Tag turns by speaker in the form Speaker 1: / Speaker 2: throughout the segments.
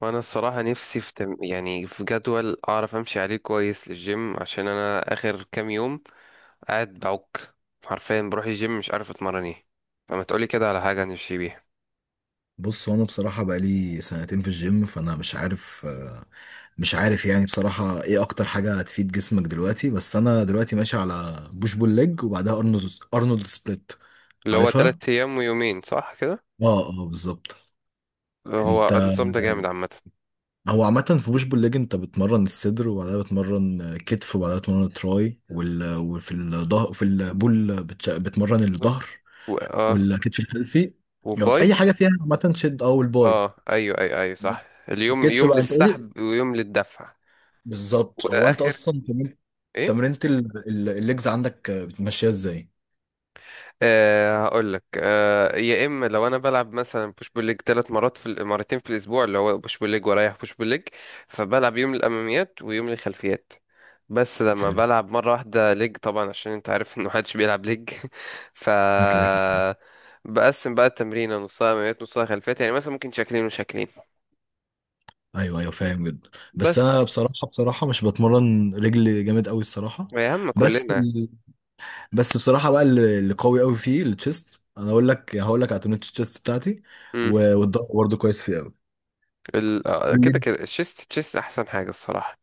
Speaker 1: وانا الصراحة نفسي في تم... يعني في جدول اعرف امشي عليه كويس للجيم عشان انا اخر كام يوم قاعد بعك، حرفيا بروح الجيم مش عارف اتمرن ايه. فما تقولي كده على حاجة نمشي بيها.
Speaker 2: بص هو انا بصراحه بقالي سنتين في الجيم فانا مش عارف يعني بصراحه ايه اكتر حاجه هتفيد جسمك دلوقتي بس انا دلوقتي ماشي على بوش بول ليج وبعدها ارنولد سبليت
Speaker 1: اللي هو
Speaker 2: عارفها.
Speaker 1: تلات ايام ويومين صح كده؟
Speaker 2: اه اه، بالظبط. انت
Speaker 1: هو النظام ده جامد عامة.
Speaker 2: هو عامه في بوش بول ليج انت بتمرن الصدر وبعدها بتمرن كتف وبعدها بتمرن تراي وفي الظهر في البول بتمرن الظهر
Speaker 1: بالظبط. و... اه
Speaker 2: والكتف الخلفي، يقعد اي
Speaker 1: وباي.
Speaker 2: حاجه فيها عامه شد اه والباي.
Speaker 1: اه، ايوه، ايوه، ايوه، صح، اليوم
Speaker 2: الكتف
Speaker 1: يوم
Speaker 2: بقى انت قولي.
Speaker 1: للسحب ويوم للدفع.
Speaker 2: بالظبط، هو انت
Speaker 1: واخر
Speaker 2: اصلا تمرين
Speaker 1: ايه
Speaker 2: تمرينة الليجز عندك بتمشيها ازاي؟
Speaker 1: أه هقول لك. أه، يا اما لو انا بلعب مثلا بوش بول ليج ثلاث مرات في مرتين في الاسبوع اللي هو بوش بول ليج، ورايح بوش بول ليج فبلعب يوم الاماميات ويوم الخلفيات. بس لما
Speaker 2: حلو.
Speaker 1: بلعب مره واحده ليج طبعا عشان انت عارف ان محدش بيلعب ليج ف
Speaker 2: انا كده كده.
Speaker 1: بقسم بقى التمرين نصها اماميات نصها خلفيات، يعني مثلا ممكن شكلين وشكلين
Speaker 2: ايوه ايوه، فاهم جدا. بس
Speaker 1: بس.
Speaker 2: انا بصراحه مش بتمرن رجل جامد قوي الصراحه.
Speaker 1: يا عم
Speaker 2: بس
Speaker 1: كلنا.
Speaker 2: ال- بس بصراحه بقى اللي قوي قوي فيه التشيست، انا اقول لك هقول لك على تمرينة التشيست بتاعتي
Speaker 1: مم.
Speaker 2: والظهر برضه كويس فيه قوي.
Speaker 1: ال... آه،
Speaker 2: قول
Speaker 1: كده
Speaker 2: لي.
Speaker 1: كده الشيست، تشيست احسن حاجه الصراحه.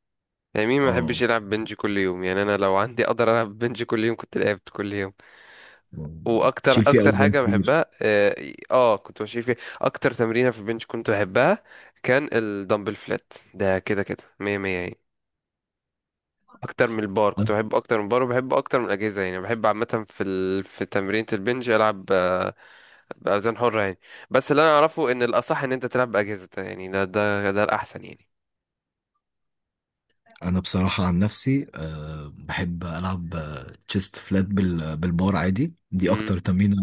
Speaker 1: يعني مين ما يحبش
Speaker 2: اه،
Speaker 1: يلعب بنج كل يوم؟ يعني انا لو عندي اقدر العب بنج كل يوم كنت لعبت كل يوم. واكتر
Speaker 2: تشيل فيه اوزان
Speaker 1: حاجه
Speaker 2: كتير.
Speaker 1: بحبها، اه كنت ماشي فيها. اكتر تمرينه في البنج كنت بحبها كان الدمبل فلات، ده كده كده مية مية يعني. اكتر من البار كنت بحبه اكتر من البار، وبحبه اكتر من الاجهزه، يعني بحب عامه في تمرينه البنج العب باوزان حره يعني. بس اللي انا اعرفه ان الاصح ان انت تلعب باجهزه، يعني ده الاحسن يعني.
Speaker 2: انا بصراحه عن نفسي أه بحب العب تشيست فلات بالبار، عادي دي
Speaker 1: امم.
Speaker 2: اكتر تمرينه.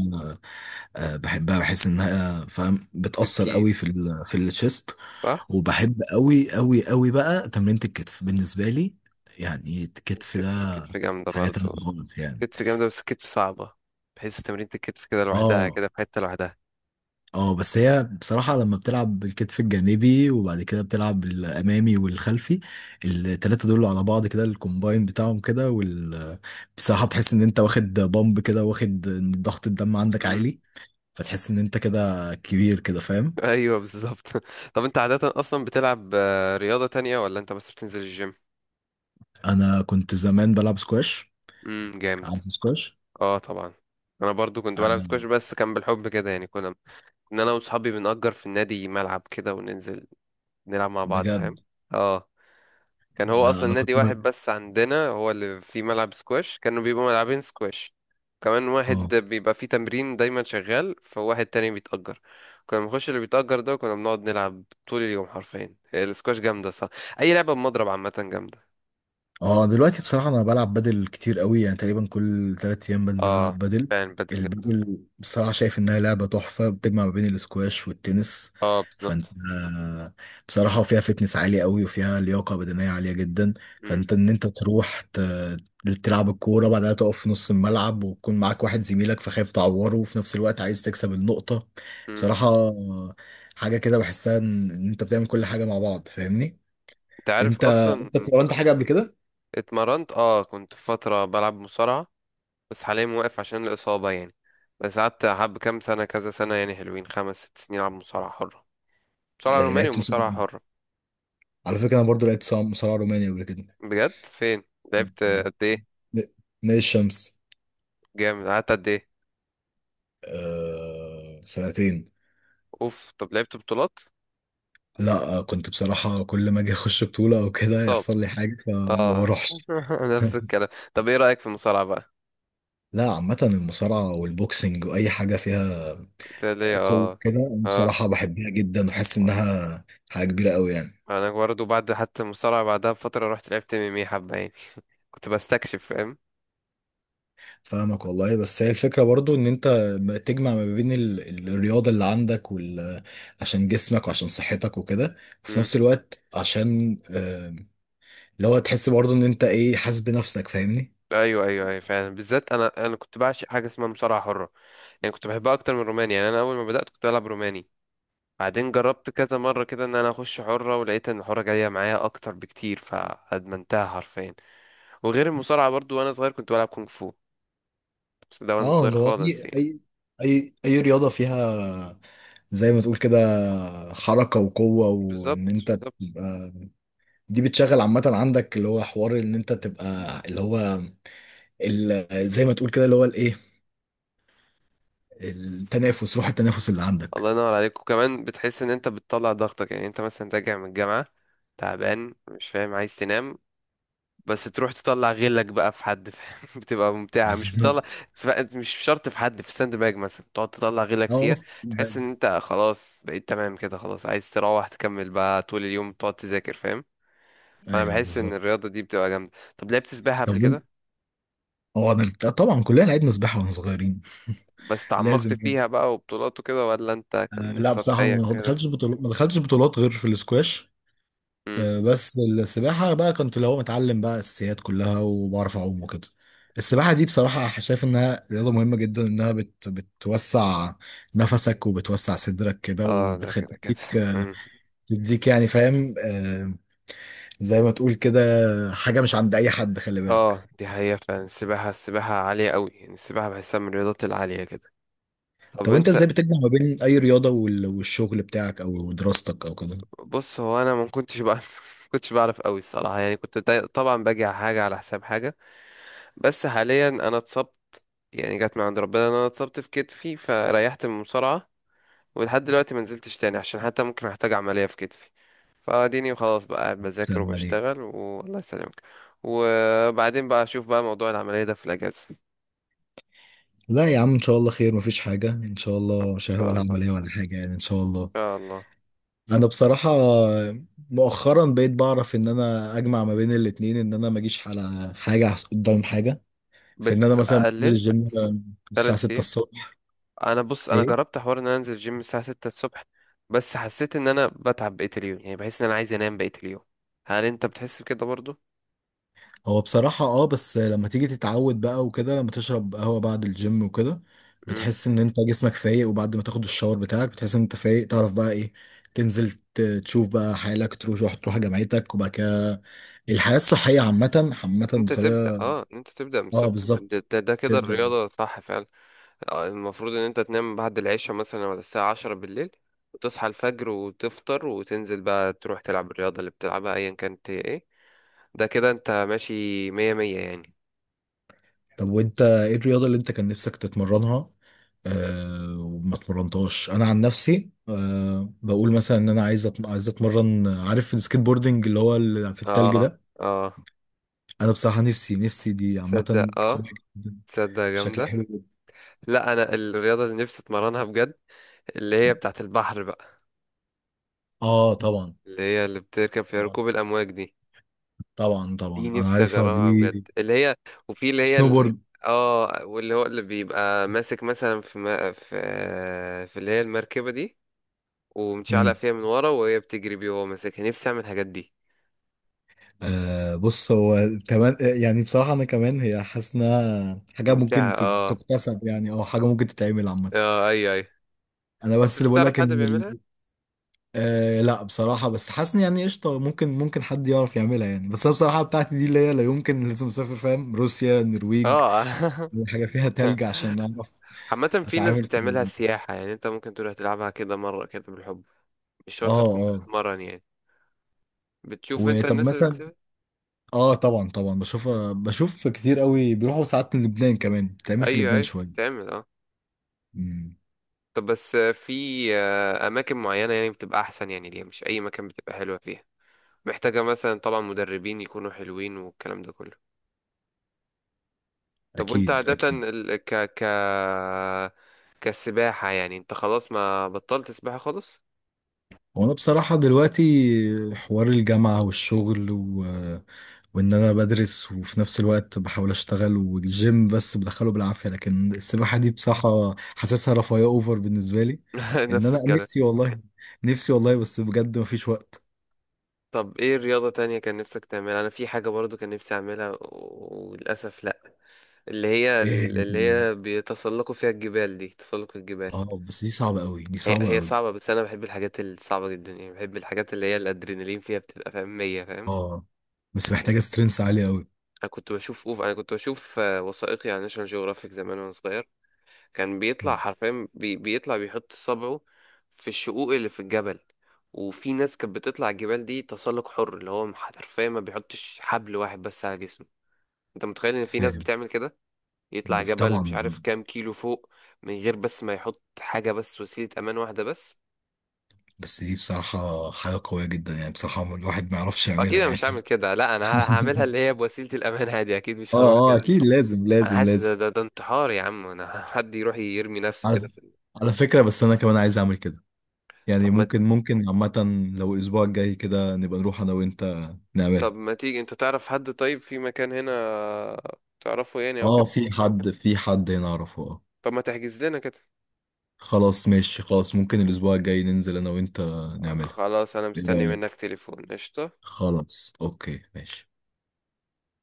Speaker 2: أه بحبها، بحس انها فاهم بتاثر
Speaker 1: بتجيب.
Speaker 2: قوي في التشيست.
Speaker 1: صح.
Speaker 2: وبحب قوي قوي قوي بقى تمرينه الكتف بالنسبه لي، يعني الكتف ده
Speaker 1: كتف جامده
Speaker 2: حاجه تانية
Speaker 1: برضو.
Speaker 2: خالص يعني.
Speaker 1: كتف جامدة بس كتف صعبة، بحيث تمرينة الكتف كده لوحدها
Speaker 2: اه
Speaker 1: كده في حتة لوحدها.
Speaker 2: اه، بس هي بصراحة لما بتلعب بالكتف الجانبي وبعد كده بتلعب الأمامي والخلفي، التلاتة دول على بعض كده الكومباين بتاعهم كده وال، بصراحة بتحس إن أنت واخد بامب كده، واخد إن ضغط الدم عندك
Speaker 1: مم.
Speaker 2: عالي، فتحس إن أنت كده كبير كده فاهم.
Speaker 1: ايوه بالظبط طب انت عادة اصلا بتلعب رياضة تانية، ولا انت بس بتنزل الجيم؟
Speaker 2: أنا كنت زمان بلعب سكواش.
Speaker 1: امم، جامد.
Speaker 2: عارف سكواش؟
Speaker 1: اه طبعا. انا برضو كنت بلعب سكواش،
Speaker 2: أنا
Speaker 1: بس كان بالحب كده يعني، كنا ان انا واصحابي بنأجر في النادي ملعب كده وننزل نلعب مع بعض، فاهم؟
Speaker 2: بجد.
Speaker 1: اه. كان هو
Speaker 2: أنا
Speaker 1: اصلا
Speaker 2: أنا كنت
Speaker 1: نادي واحد بس عندنا هو اللي فيه ملعب سكواش، كانوا بيبقوا ملعبين سكواش. كمان واحد
Speaker 2: اه
Speaker 1: بيبقى فيه تمرين دايما شغال، فواحد تاني بيتأجر، كنا بنخش اللي بيتأجر ده، كنا بنقعد نلعب طول اليوم حرفيا. هي السكواش جامدة صح، أي لعبة بمضرب عامة جامدة.
Speaker 2: اه. دلوقتي بصراحة انا بلعب بدل كتير قوي، يعني تقريبا كل تلات ايام بنزل
Speaker 1: اه
Speaker 2: العب بدل.
Speaker 1: فعلا، بدل جامدة.
Speaker 2: البدل بصراحة شايف انها لعبة تحفة، بتجمع ما بين الاسكواش والتنس،
Speaker 1: اه
Speaker 2: فانت
Speaker 1: بالظبط.
Speaker 2: بصراحة فيها فتنس عالية قوي وفيها لياقة بدنية عالية جدا.
Speaker 1: مم.
Speaker 2: فانت ان انت تروح تلعب الكورة، بعدها تقف في نص الملعب ويكون معاك واحد زميلك فخايف تعوره وفي نفس الوقت عايز تكسب النقطة.
Speaker 1: مم.
Speaker 2: بصراحة حاجة كده بحسها ان إن انت بتعمل كل حاجة مع بعض، فاهمني؟
Speaker 1: انت عارف
Speaker 2: انت
Speaker 1: اصلا
Speaker 2: انت
Speaker 1: ان في.
Speaker 2: اتمرنت حاجة قبل كده؟
Speaker 1: اتمرنت، اه كنت في فترة بلعب مصارعة، بس حاليا موقف عشان الإصابة يعني. بس قعدت حب كام سنة، كذا سنة يعني، حلوين خمس ست سنين ألعب مصارعة حرة. مصارعة روماني
Speaker 2: لعبت مصارعة؟
Speaker 1: ومصارعة حرة.
Speaker 2: على فكرة أنا برضو لعبت مصارعة روماني قبل كده.
Speaker 1: بجد، فين؟
Speaker 2: نعم.
Speaker 1: لعبت قد ايه؟
Speaker 2: ن- نادي الشمس.
Speaker 1: جامد، قعدت قد ايه؟
Speaker 2: آه، سنتين.
Speaker 1: اوف، طب لعبت بطولات؟
Speaker 2: لا، كنت بصراحة كل ما أجي أخش بطولة أو كده
Speaker 1: تتصاب،
Speaker 2: يحصل لي حاجة فما
Speaker 1: اه
Speaker 2: بروحش.
Speaker 1: نفس الكلام. طب ايه رأيك في المصارعة بقى؟
Speaker 2: لا، عامة المصارعة والبوكسنج وأي حاجة فيها
Speaker 1: قلت لي
Speaker 2: قوة
Speaker 1: اه.
Speaker 2: كده أنا
Speaker 1: اه،
Speaker 2: بصراحة بحبها جدا، وحاسس إنها حاجة كبيرة أوي يعني.
Speaker 1: انا برضه بعد حتى المصارعة بعدها بفترة رحت لعبت ام ام اي حبة يعني كنت بستكشف فاهم.
Speaker 2: فاهمك والله، بس هي الفكرة برضو ان انت ما تجمع ما بين الرياضة اللي عندك وال، عشان جسمك وعشان صحتك وكده، وفي
Speaker 1: مم.
Speaker 2: نفس الوقت عشان اللي هو تحس برضو ان انت ايه، حاسس بنفسك فاهمني.
Speaker 1: ايوه، ايوه، ايوه، فعلا بالذات انا كنت بعشق حاجه اسمها مصارعه حره. يعني كنت بحبها اكتر من روماني، يعني انا اول ما بدات كنت بلعب روماني، بعدين جربت كذا مرة كده ان انا اخش حرة، ولقيت ان الحرة جاية معايا اكتر بكتير فادمنتها حرفيا. وغير المصارعة برضو، وانا صغير كنت بلعب كونغ فو، بس ده وانا
Speaker 2: اه،
Speaker 1: صغير
Speaker 2: اللي هو اي
Speaker 1: خالص يعني.
Speaker 2: اي اي اي رياضة فيها، زي ما تقول كده، حركة وقوة،
Speaker 1: بالظبط
Speaker 2: وان انت
Speaker 1: بالظبط.
Speaker 2: تبقى دي بتشغل عامة عندك اللي هو حوار ان انت تبقى اللي هو ال، زي ما تقول كده اللي هو الايه، التنافس، روح التنافس اللي
Speaker 1: الله
Speaker 2: عندك.
Speaker 1: ينور عليك. وكمان بتحس ان انت بتطلع ضغطك، يعني انت مثلا راجع من الجامعة تعبان مش فاهم عايز تنام، بس تروح تطلع غلك بقى في حد فاهم؟ بتبقى ممتعة، مش بتطلع مش شرط في حد، في الساند باج مثلا تقعد تطلع غلك
Speaker 2: اه اه،
Speaker 1: فيها.
Speaker 2: في
Speaker 1: تحس ان
Speaker 2: الصندل.
Speaker 1: انت خلاص بقيت تمام كده، خلاص عايز تروح تكمل بقى طول اليوم تقعد تذاكر فاهم. فانا
Speaker 2: ايوه
Speaker 1: بحس ان
Speaker 2: بالظبط.
Speaker 1: الرياضة دي بتبقى جامدة. طب لعبت سباحة قبل
Speaker 2: طب
Speaker 1: كده؟
Speaker 2: هو انا طبعا كلنا لعبنا سباحه واحنا صغيرين.
Speaker 1: بس تعمقت
Speaker 2: لازم يعني.
Speaker 1: فيها بقى وبطولات وكده، ولا انت
Speaker 2: آه
Speaker 1: كان
Speaker 2: لا بصراحه
Speaker 1: سطحية
Speaker 2: ما
Speaker 1: كده؟
Speaker 2: دخلتش بطولات، ما دخلتش بطولات غير في الاسكواش.
Speaker 1: مم.
Speaker 2: آه بس السباحه بقى كنت اللي هو متعلم بقى الاساسيات كلها وبعرف اعوم وكده. السباحه دي بصراحه شايف انها رياضه مهمه جدا، انها بتوسع نفسك وبتوسع صدرك كده،
Speaker 1: اه ده كده كده
Speaker 2: وبتخليك
Speaker 1: مم.
Speaker 2: تديك يعني فاهم آه، زي ما تقول كده، حاجه مش عند اي حد، خلي بالك.
Speaker 1: اه دي حقيقة فعلا. السباحة، السباحة عالية قوي يعني، السباحة بحسها من الرياضات العالية كده. طب
Speaker 2: طب انت
Speaker 1: انت.
Speaker 2: ازاي بتجمع ما بين اي رياضه والشغل بتاعك او دراستك او كده؟
Speaker 1: بص هو انا ما كنتش بقى ما كنتش بعرف قوي الصراحه، يعني كنت طبعا باجي على حاجه على حساب حاجه. بس حاليا انا اتصبت، يعني جت من عند ربنا ان انا اتصبت في كتفي فريحت من المصارعه، ولحد دلوقتي ما نزلتش تاني عشان حتى ممكن احتاج عمليه في كتفي. فاديني وخلاص بقى قاعد بذاكر
Speaker 2: بتعمل ايه؟
Speaker 1: وبشتغل، والله يسلمك. وبعدين بقى اشوف بقى موضوع العمليه ده في الاجازه، ان
Speaker 2: لا يا عم، ان شاء الله خير، مفيش حاجه ان شاء الله، مش
Speaker 1: شاء
Speaker 2: ولا
Speaker 1: الله. ان
Speaker 2: عمليه ولا حاجه يعني ان شاء الله.
Speaker 1: شاء الله.
Speaker 2: انا بصراحه مؤخرا بقيت بعرف ان انا اجمع ما بين الاتنين، ان انا ما اجيش على حاجه قدام حاجه، في ان انا مثلا بنزل
Speaker 1: بتقلل
Speaker 2: الجيم الساعه
Speaker 1: تلات
Speaker 2: 6
Speaker 1: ايام.
Speaker 2: الصبح.
Speaker 1: انا بص، انا
Speaker 2: ايه،
Speaker 1: جربت حوار ان انا انزل جيم الساعه 6 الصبح، بس حسيت ان انا بتعب بقيه اليوم، يعني بحس ان انا عايز انام بقيه اليوم. هل انت بتحس بكده برضو؟
Speaker 2: هو بصراحة اه، بس لما تيجي تتعود بقى وكده، لما تشرب قهوة بعد الجيم وكده
Speaker 1: امم.
Speaker 2: بتحس ان انت جسمك فايق، وبعد ما تاخد الشاور بتاعك بتحس ان انت فايق، تعرف بقى ايه، تنزل تشوف بقى حالك، تروح تروح جامعتك، وبعد كده الحياة الصحية عامة عامة
Speaker 1: انت تبدا،
Speaker 2: بطريقة.
Speaker 1: اه انت تبدا من
Speaker 2: اه
Speaker 1: الصبح، ده,
Speaker 2: بالظبط،
Speaker 1: ده, ده كده
Speaker 2: تبدأ.
Speaker 1: الرياضه صح فعلا. المفروض ان انت تنام بعد العشاء مثلا ولا الساعه 10 بالليل، وتصحى الفجر وتفطر وتنزل بقى تروح تلعب الرياضه اللي بتلعبها ايا كانت هي ايه. ده كده انت ماشي مية مية يعني.
Speaker 2: طب وانت ايه الرياضة اللي انت كان نفسك تتمرنها آه وما اتمرنتهاش؟ انا عن نفسي آه بقول مثلا ان انا عايز عايز اتمرن، عارف السكيت بوردنج اللي هو اللي في التلج
Speaker 1: اه
Speaker 2: ده؟
Speaker 1: اه.
Speaker 2: انا بصراحه نفسي دي عامه
Speaker 1: تصدق اه.
Speaker 2: قويه جدا،
Speaker 1: تصدق
Speaker 2: شكلها
Speaker 1: جامده.
Speaker 2: حلو جدا.
Speaker 1: لا انا الرياضه اللي نفسي اتمرنها بجد اللي هي بتاعه البحر بقى،
Speaker 2: اه طبعا.
Speaker 1: اللي هي اللي بتركب في
Speaker 2: آه
Speaker 1: ركوب الامواج دي.
Speaker 2: طبعا
Speaker 1: دي
Speaker 2: طبعا، انا
Speaker 1: نفسي
Speaker 2: عارفها
Speaker 1: اجربها بجد،
Speaker 2: دي،
Speaker 1: اللي هي وفي اللي هي ال-
Speaker 2: سنوبورد.
Speaker 1: اه واللي هو اللي بيبقى ماسك مثلا في ما في في اللي هي المركبه دي، ومتشعلق
Speaker 2: امم،
Speaker 1: فيها من ورا وهي بتجري بيه وهو ماسكها، نفسي اعمل الحاجات دي.
Speaker 2: آه بص هو، كمان يعني بصراحه انا كمان هي، حاسس انها حاجه
Speaker 1: ممتعه
Speaker 2: ممكن
Speaker 1: اه.
Speaker 2: تكتسب يعني، او حاجه ممكن تتعمل عامه.
Speaker 1: اه ايوه ايوه.
Speaker 2: انا
Speaker 1: بس
Speaker 2: بس اللي
Speaker 1: انت
Speaker 2: بقول لك
Speaker 1: تعرف حد
Speaker 2: ان
Speaker 1: بيعملها؟
Speaker 2: ال، آه لا بصراحه بس حاسس إن يعني قشطه ممكن، ممكن حد يعرف يعملها يعني، بس انا بصراحه بتاعتي دي اللي هي لا يمكن لازم اسافر، فاهم؟ روسيا، النرويج،
Speaker 1: اه
Speaker 2: حاجه فيها تلج عشان اعرف
Speaker 1: عامة في ناس
Speaker 2: اتعامل في
Speaker 1: بتعملها
Speaker 2: ال،
Speaker 1: سياحة، يعني انت ممكن تروح تلعبها كده مرة كده بالحب، مش
Speaker 2: اه
Speaker 1: شرط تكون
Speaker 2: اه.
Speaker 1: بتتمرن يعني. بتشوف انت
Speaker 2: وطب
Speaker 1: الناس اللي
Speaker 2: مثلا،
Speaker 1: بتسافر.
Speaker 2: اه طبعا طبعا بشوف
Speaker 1: مم.
Speaker 2: بشوف كتير قوي بيروحوا ساعات لبنان، كمان بتعمل في
Speaker 1: ايوه
Speaker 2: لبنان
Speaker 1: ايوه
Speaker 2: شويه.
Speaker 1: تعمل اه.
Speaker 2: امم.
Speaker 1: طب بس آه، في آه، اماكن معينه يعني بتبقى احسن، يعني ليه مش اي مكان بتبقى حلوه فيها؟ محتاجه مثلا طبعا مدربين يكونوا حلوين والكلام ده كله. طب وانت
Speaker 2: اكيد
Speaker 1: عاده
Speaker 2: اكيد.
Speaker 1: ال... ك ك كسباحه، يعني انت خلاص ما بطلت سباحه خالص؟
Speaker 2: وانا بصراحه دلوقتي حوار الجامعه والشغل و، وان انا بدرس وفي نفس الوقت بحاول اشتغل والجيم بس بدخله بالعافيه، لكن
Speaker 1: مم.
Speaker 2: السباحه دي بصراحه حاسسها رفاهيه اوفر بالنسبه لي. ان
Speaker 1: نفس
Speaker 2: انا
Speaker 1: الكلام.
Speaker 2: نفسي والله، نفسي والله بس بجد مفيش وقت.
Speaker 1: طب ايه رياضه تانية كان نفسك تعملها؟ انا في حاجه برضو كان نفسي اعملها وللاسف لا،
Speaker 2: ايه،
Speaker 1: اللي هي بيتسلقوا فيها الجبال دي، تسلق الجبال.
Speaker 2: اه بس دي صعبه قوي، دي
Speaker 1: هي
Speaker 2: صعبه
Speaker 1: هي
Speaker 2: قوي.
Speaker 1: صعبة، بس أنا بحب الحاجات الصعبة جدا، يعني بحب الحاجات اللي هي الأدرينالين فيها بتبقى فاهم مية فاهم.
Speaker 2: اه بس محتاجة سترينث عالية قوي.
Speaker 1: أنا كنت بشوف أوف، أنا كنت بشوف وثائقي عن ناشونال جيوغرافيك زمان وأنا صغير. كان بيطلع حرفيا بيطلع بيحط صبعه في الشقوق اللي في الجبل. وفي ناس كانت بتطلع الجبال دي تسلق حر، اللي هو حرفيا ما بيحطش حبل واحد بس على جسمه. أنت متخيل إن في ناس
Speaker 2: فاهم.
Speaker 1: بتعمل كده؟ يطلع جبل مش
Speaker 2: طبعا.
Speaker 1: عارف كام كيلو فوق، من غير بس ما يحط حاجة بس وسيلة أمان واحدة بس.
Speaker 2: بس دي بصراحة حاجة قوية جدا، يعني بصراحة الواحد ما يعرفش
Speaker 1: اكيد
Speaker 2: يعملها
Speaker 1: انا مش هعمل
Speaker 2: يعني.
Speaker 1: كده، لا انا هعملها اللي هي بوسيله الامان عادي، اكيد
Speaker 2: اه
Speaker 1: مش هروح
Speaker 2: اه،
Speaker 1: كده.
Speaker 2: اكيد لازم
Speaker 1: انا
Speaker 2: لازم
Speaker 1: حاسس
Speaker 2: لازم.
Speaker 1: ده انتحار يا عم انا حد يروح يرمي نفسه
Speaker 2: على،
Speaker 1: كده في
Speaker 2: على فكرة بس أنا كمان عايز أعمل كده، يعني
Speaker 1: طب ما.
Speaker 2: ممكن، ممكن عامة لو الأسبوع الجاي كده نبقى نروح أنا وأنت
Speaker 1: طب
Speaker 2: نعملها.
Speaker 1: ما تيجي، انت تعرف حد طيب في مكان هنا تعرفه يعني او
Speaker 2: اه،
Speaker 1: كده؟
Speaker 2: في حد هنا أعرفه اه.
Speaker 1: طب ما تحجز لنا كده.
Speaker 2: خلاص ماشي، خلاص ممكن الأسبوع الجاي ننزل أنا وأنت نعملها.
Speaker 1: خلاص انا
Speaker 2: إيه
Speaker 1: مستني
Speaker 2: رأيك؟
Speaker 1: منك تليفون، قشطه.
Speaker 2: خلاص أوكي، ماشي.